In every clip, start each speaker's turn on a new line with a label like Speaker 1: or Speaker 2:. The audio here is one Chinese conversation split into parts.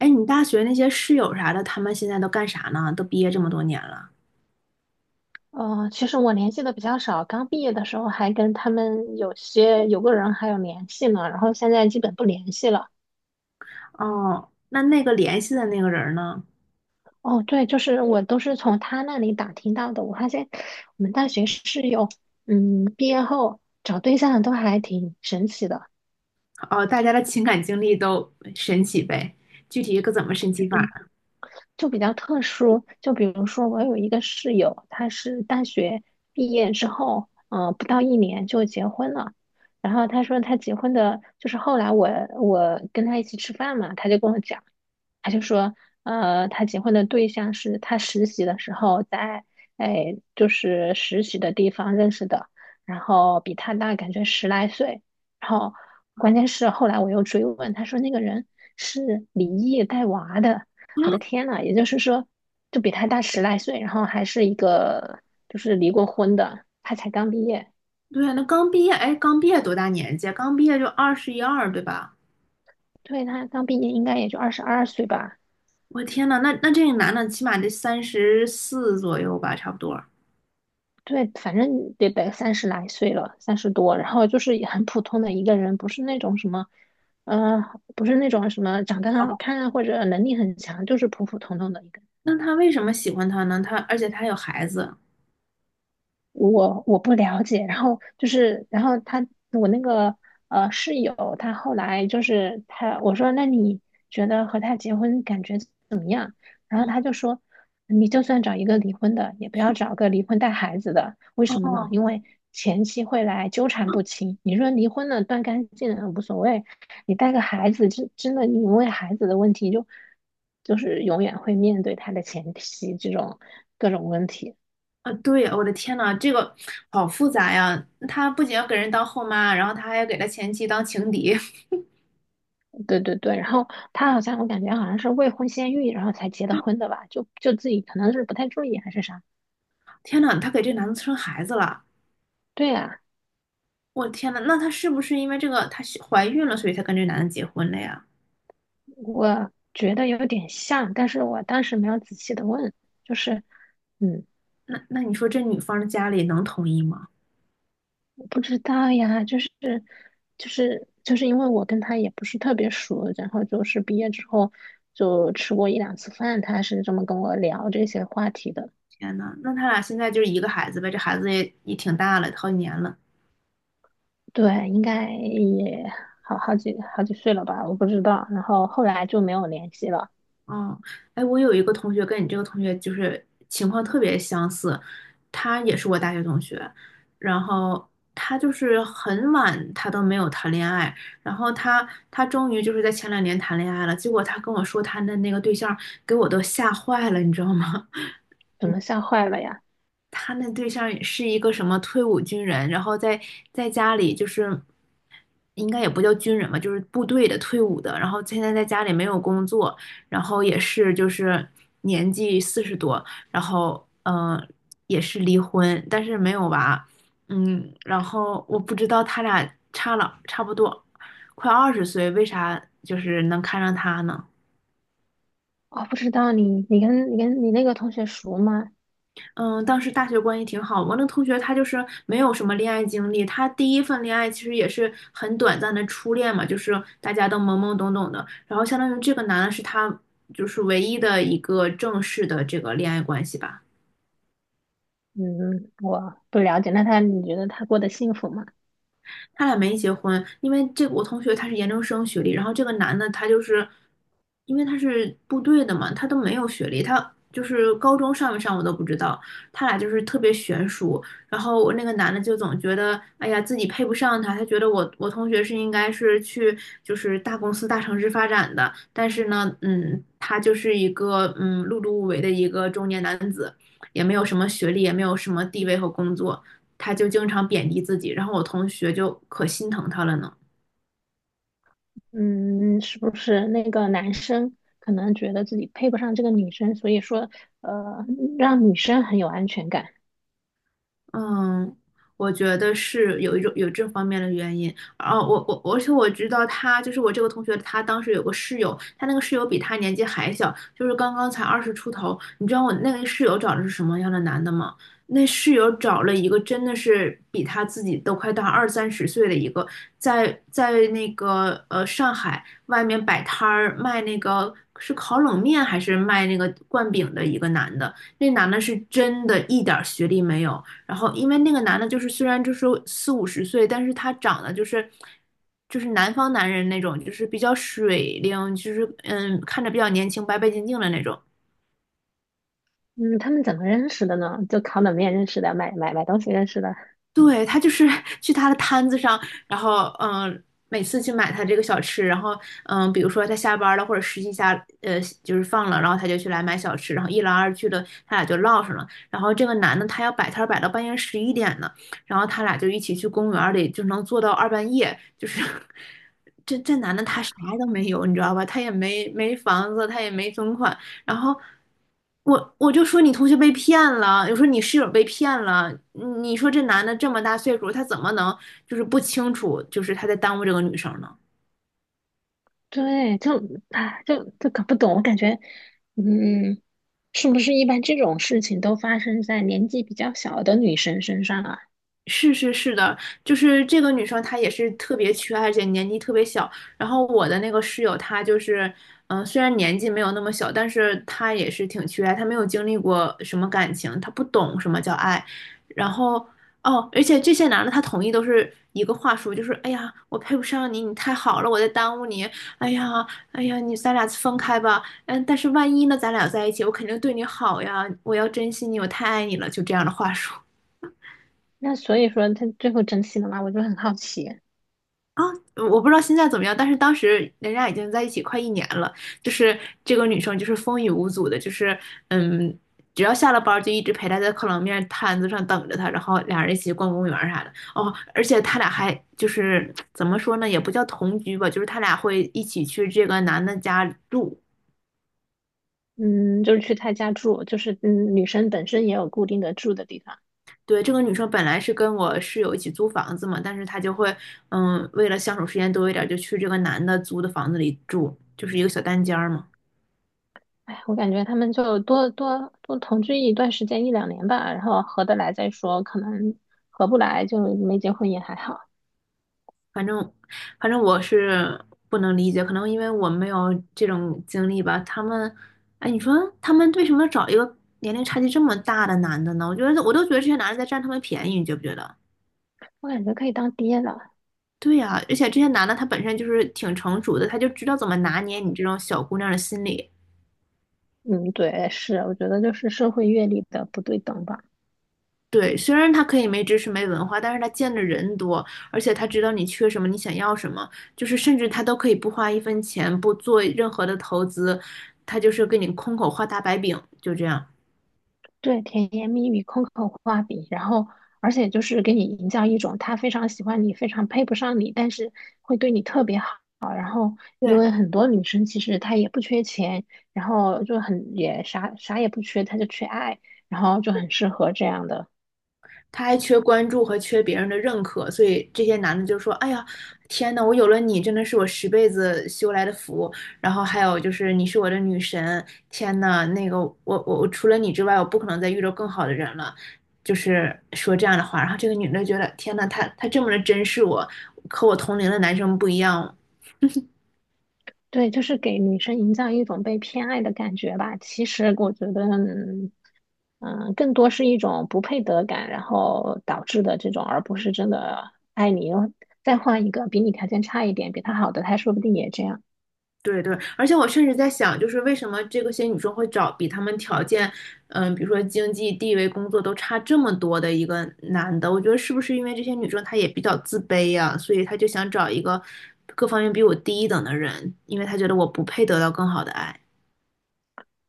Speaker 1: 哎，你大学那些室友啥的，他们现在都干啥呢？都毕业这么多年了。
Speaker 2: 嗯，其实我联系的比较少，刚毕业的时候还跟他们有个人还有联系呢，然后现在基本不联系了。
Speaker 1: 哦，那个联系的那个人呢？
Speaker 2: 哦，对，就是我都是从他那里打听到的。我发现我们大学室友，嗯，毕业后找对象都还挺神奇的，
Speaker 1: 哦，大家的情感经历都神奇呗，具体可怎么神奇法呢？
Speaker 2: 就比较特殊。就比如说我有一个室友，他是大学毕业之后，不到一年就结婚了。然后他说他结婚的，就是后来我跟他一起吃饭嘛，他就跟我讲。他就说，他结婚的对象是他实习的时候在，哎，就是实习的地方认识的，然后比他大感觉十来岁，然后关键是后来我又追问，他说那个人是离异带娃的，我的天呐，也就是说，就比他大十来岁，然后还是一个就是离过婚的，他才刚毕业。
Speaker 1: 对呀，那刚毕业，哎，刚毕业多大年纪啊，刚毕业就二十一二，对吧？
Speaker 2: 对，他刚毕业应该也就22岁吧。
Speaker 1: 我天呐，那这个男的起码得34左右吧，差不多。
Speaker 2: 对，反正得三十来岁了，三十多，然后就是也很普通的一个人，不是那种什么，嗯，不是那种什么长得
Speaker 1: 好
Speaker 2: 很好
Speaker 1: 吧，
Speaker 2: 看啊，或者能力很强，就是普普通通的一个。
Speaker 1: 那他为什么喜欢他呢？而且他有孩子。
Speaker 2: 我不了解，然后就是，然后他我那个室友，他后来就是他我说那你觉得和他结婚感觉怎么样？然后
Speaker 1: 嗯，
Speaker 2: 他就说，你就算找一个离婚的，也不要找个离婚带孩子的，为什么呢？
Speaker 1: 哦，
Speaker 2: 因为前妻会来纠缠不清。你说离婚了断干净了无所谓，你带个孩子，真的你因为孩子的问题就是永远会面对他的前妻这种各种问题。
Speaker 1: 啊，对，我的天呐，这个好复杂呀！她不仅要给人当后妈，然后她还要给她前妻当情敌。
Speaker 2: 对对对，然后他好像我感觉好像是未婚先孕，然后才结的婚的吧，就自己可能是不太注意还是啥。
Speaker 1: 天呐，她给这男的生孩子了！
Speaker 2: 对啊，
Speaker 1: 我天呐，那她是不是因为这个她是怀孕了，所以才跟这男的结婚了呀？
Speaker 2: 我觉得有点像，但是我当时没有仔细的问，就是嗯，
Speaker 1: 那你说这女方的家里能同意吗？
Speaker 2: 我不知道呀，就是因为我跟他也不是特别熟，然后就是毕业之后就吃过一两次饭，他是这么跟我聊这些话题的。
Speaker 1: 天呐，那他俩现在就是一个孩子呗，这孩子也挺大了，好几年了。
Speaker 2: 对，应该也好几好几岁了吧，我不知道。然后后来就没有联系了。
Speaker 1: 哦，哎，我有一个同学跟你这个同学就是情况特别相似，他也是我大学同学，然后他就是很晚他都没有谈恋爱，然后他终于就是在前两年谈恋爱了，结果他跟我说他的那个对象给我都吓坏了，你知道吗？
Speaker 2: 怎么吓坏了呀？
Speaker 1: 他那对象是一个什么退伍军人，然后在家里就是应该也不叫军人吧，就是部队的退伍的，然后现在在家里没有工作，然后也是就是年纪40多，然后也是离婚，但是没有娃。嗯，然后我不知道他俩差了差不多快20岁，为啥就是能看上他呢？
Speaker 2: 哦，不知道你跟你那个同学熟吗？
Speaker 1: 嗯，当时大学关系挺好。我那同学他就是没有什么恋爱经历，他第一份恋爱其实也是很短暂的初恋嘛，就是大家都懵懵懂懂的。然后相当于这个男的是他就是唯一的一个正式的这个恋爱关系吧。
Speaker 2: 嗯，我不了解。那他你觉得他过得幸福吗？
Speaker 1: 他俩没结婚，因为这个我同学他是研究生学历，然后这个男的他就是因为他是部队的嘛，他都没有学历，他就是高中上没上我都不知道，他俩就是特别悬殊。然后我那个男的就总觉得，哎呀，自己配不上他，他觉得我同学是应该是去就是大公司大城市发展的，但是呢，他就是一个碌碌无为的一个中年男子，也没有什么学历，也没有什么地位和工作。他就经常贬低自己，然后我同学就可心疼他了呢。
Speaker 2: 嗯，是不是那个男生可能觉得自己配不上这个女生，所以说嗯让女生很有安全感？
Speaker 1: 嗯，我觉得是有一种有这方面的原因。啊，我而且我知道他就是我这个同学，他当时有个室友，他那个室友比他年纪还小，就是刚刚才20出头。你知道我那个室友找的是什么样的男的吗？那室友找了一个真的是比他自己都快大二三十岁的一个，在那个上海外面摆摊儿卖那个是烤冷面还是卖那个灌饼的一个男的，那男的是真的一点儿学历没有。然后因为那个男的，就是虽然就是四五十岁，但是他长得就是南方男人那种，就是比较水灵，就是看着比较年轻、白白净净的那种。
Speaker 2: 嗯，他们怎么认识的呢？就烤冷面认识的，买东西认识的。
Speaker 1: 对，他就是 去他的摊子上，然后每次去买他这个小吃，然后比如说他下班了或者实习下就是放了，然后他就去来买小吃，然后一来二去的他俩就唠上了。然后这个男的他要摆摊儿摆到半夜11点呢，然后他俩就一起去公园儿里，就能坐到二半夜。就是 这男的他啥都没有，你知道吧？他也没房子，他也没存款，然后我就说你同学被骗了，我说你室友被骗了，你说这男的这么大岁数，他怎么能就是不清楚，就是他在耽误这个女生呢？
Speaker 2: 对，就啊，就搞不懂。我感觉，嗯，是不是一般这种事情都发生在年纪比较小的女生身上啊？
Speaker 1: 是是是的，就是这个女生她也是特别缺爱，而且年纪特别小。然后我的那个室友，她就是，虽然年纪没有那么小，但是她也是挺缺爱，她没有经历过什么感情，她不懂什么叫爱。然后哦，而且这些男的他同意都是一个话术，就是哎呀，我配不上你，你太好了，我在耽误你。哎呀，哎呀，你咱俩分开吧。嗯，但是万一呢，咱俩在一起，我肯定对你好呀，我要珍惜你，我太爱你了，就这样的话术。
Speaker 2: 那所以说他最后珍惜了吗？我就很好奇。
Speaker 1: 啊，我不知道现在怎么样，但是当时人家已经在一起快一年了，就是这个女生就是风雨无阻的，就是嗯，只要下了班儿就一直陪她在烤冷面摊子上等着她，然后俩人一起逛公园儿啥的。哦，而且他俩还就是怎么说呢，也不叫同居吧，就是他俩会一起去这个男的家住。
Speaker 2: 嗯，就是去他家住，就是嗯，女生本身也有固定的住的地方。
Speaker 1: 对，这个女生本来是跟我室友一起租房子嘛，但是她就会为了相处时间多一点儿，就去这个男的租的房子里住，就是一个小单间儿嘛。
Speaker 2: 哎，我感觉他们就多同居一段时间，一两年吧，然后合得来再说，可能合不来就没结婚也还好。
Speaker 1: 反正反正我是不能理解，可能因为我没有这种经历吧。他们，哎，你说他们为什么要找一个年龄差距这么大的男的呢？我都觉得这些男的在占他们便宜，你觉不觉得？
Speaker 2: 我感觉可以当爹了。
Speaker 1: 对呀，而且这些男的他本身就是挺成熟的，他就知道怎么拿捏你这种小姑娘的心理。
Speaker 2: 嗯，对，是，我觉得就是社会阅历的不对等吧。
Speaker 1: 对，虽然他可以没知识、没文化，但是他见的人多，而且他知道你缺什么，你想要什么，就是甚至他都可以不花一分钱，不做任何的投资，他就是给你空口画大白饼，就这样。
Speaker 2: 对，甜言蜜语、空口画饼，然后而且就是给你营造一种他非常喜欢你，非常配不上你，但是会对你特别好。因
Speaker 1: 对，
Speaker 2: 为很多女生其实她也不缺钱，然后就很也啥啥也不缺，她就缺爱，然后就很适合这样的。
Speaker 1: 他还缺关注和缺别人的认可，所以这些男的就说：“哎呀，天呐，我有了你，真的是我十辈子修来的福。”然后还有就是你是我的女神，天呐，那个我除了你之外，我不可能再遇到更好的人了，就是说这样的话。然后这个女的觉得：“天呐，他这么的珍视我，和我同龄的男生不一样，
Speaker 2: 对，就是给女生营造一种被偏爱的感觉吧。其实我觉得，嗯，嗯更多是一种不配得感，然后导致的这种，而不是真的爱你。再换一个比你条件差一点、比他好的，他说不定也这样。
Speaker 1: 对对，而且我甚至在想，就是为什么这个些女生会找比她们条件，嗯，比如说经济地位、工作都差这么多的一个男的？我觉得是不是因为这些女生她也比较自卑呀、所以她就想找一个各方面比我低一等的人，因为她觉得我不配得到更好的爱。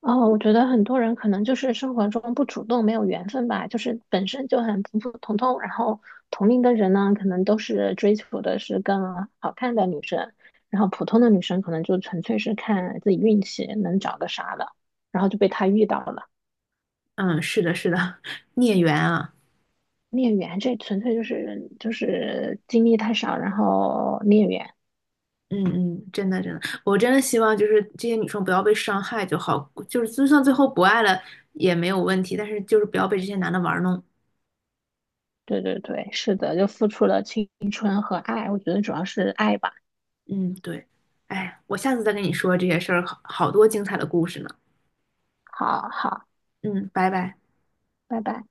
Speaker 2: 哦，我觉得很多人可能就是生活中不主动，没有缘分吧，就是本身就很普普通通，然后同龄的人呢，可能都是追求的是更好看的女生，然后普通的女生可能就纯粹是看自己运气能找个啥的，然后就被他遇到了
Speaker 1: 嗯，是的，是的，孽缘啊，
Speaker 2: 孽缘。这纯粹就是经历太少，然后孽缘，
Speaker 1: 嗯嗯，真的真的，我真的希望就是这些女生不要被伤害就好，就是就算最后不爱了也没有问题，但是就是不要被这些男的玩弄。
Speaker 2: 对对对，是的，就付出了青春和爱，我觉得主要是爱吧，
Speaker 1: 嗯，对，哎，我下次再跟你说这些事儿，好多精彩的故事呢。
Speaker 2: 好好，
Speaker 1: 嗯，拜拜。
Speaker 2: 拜拜。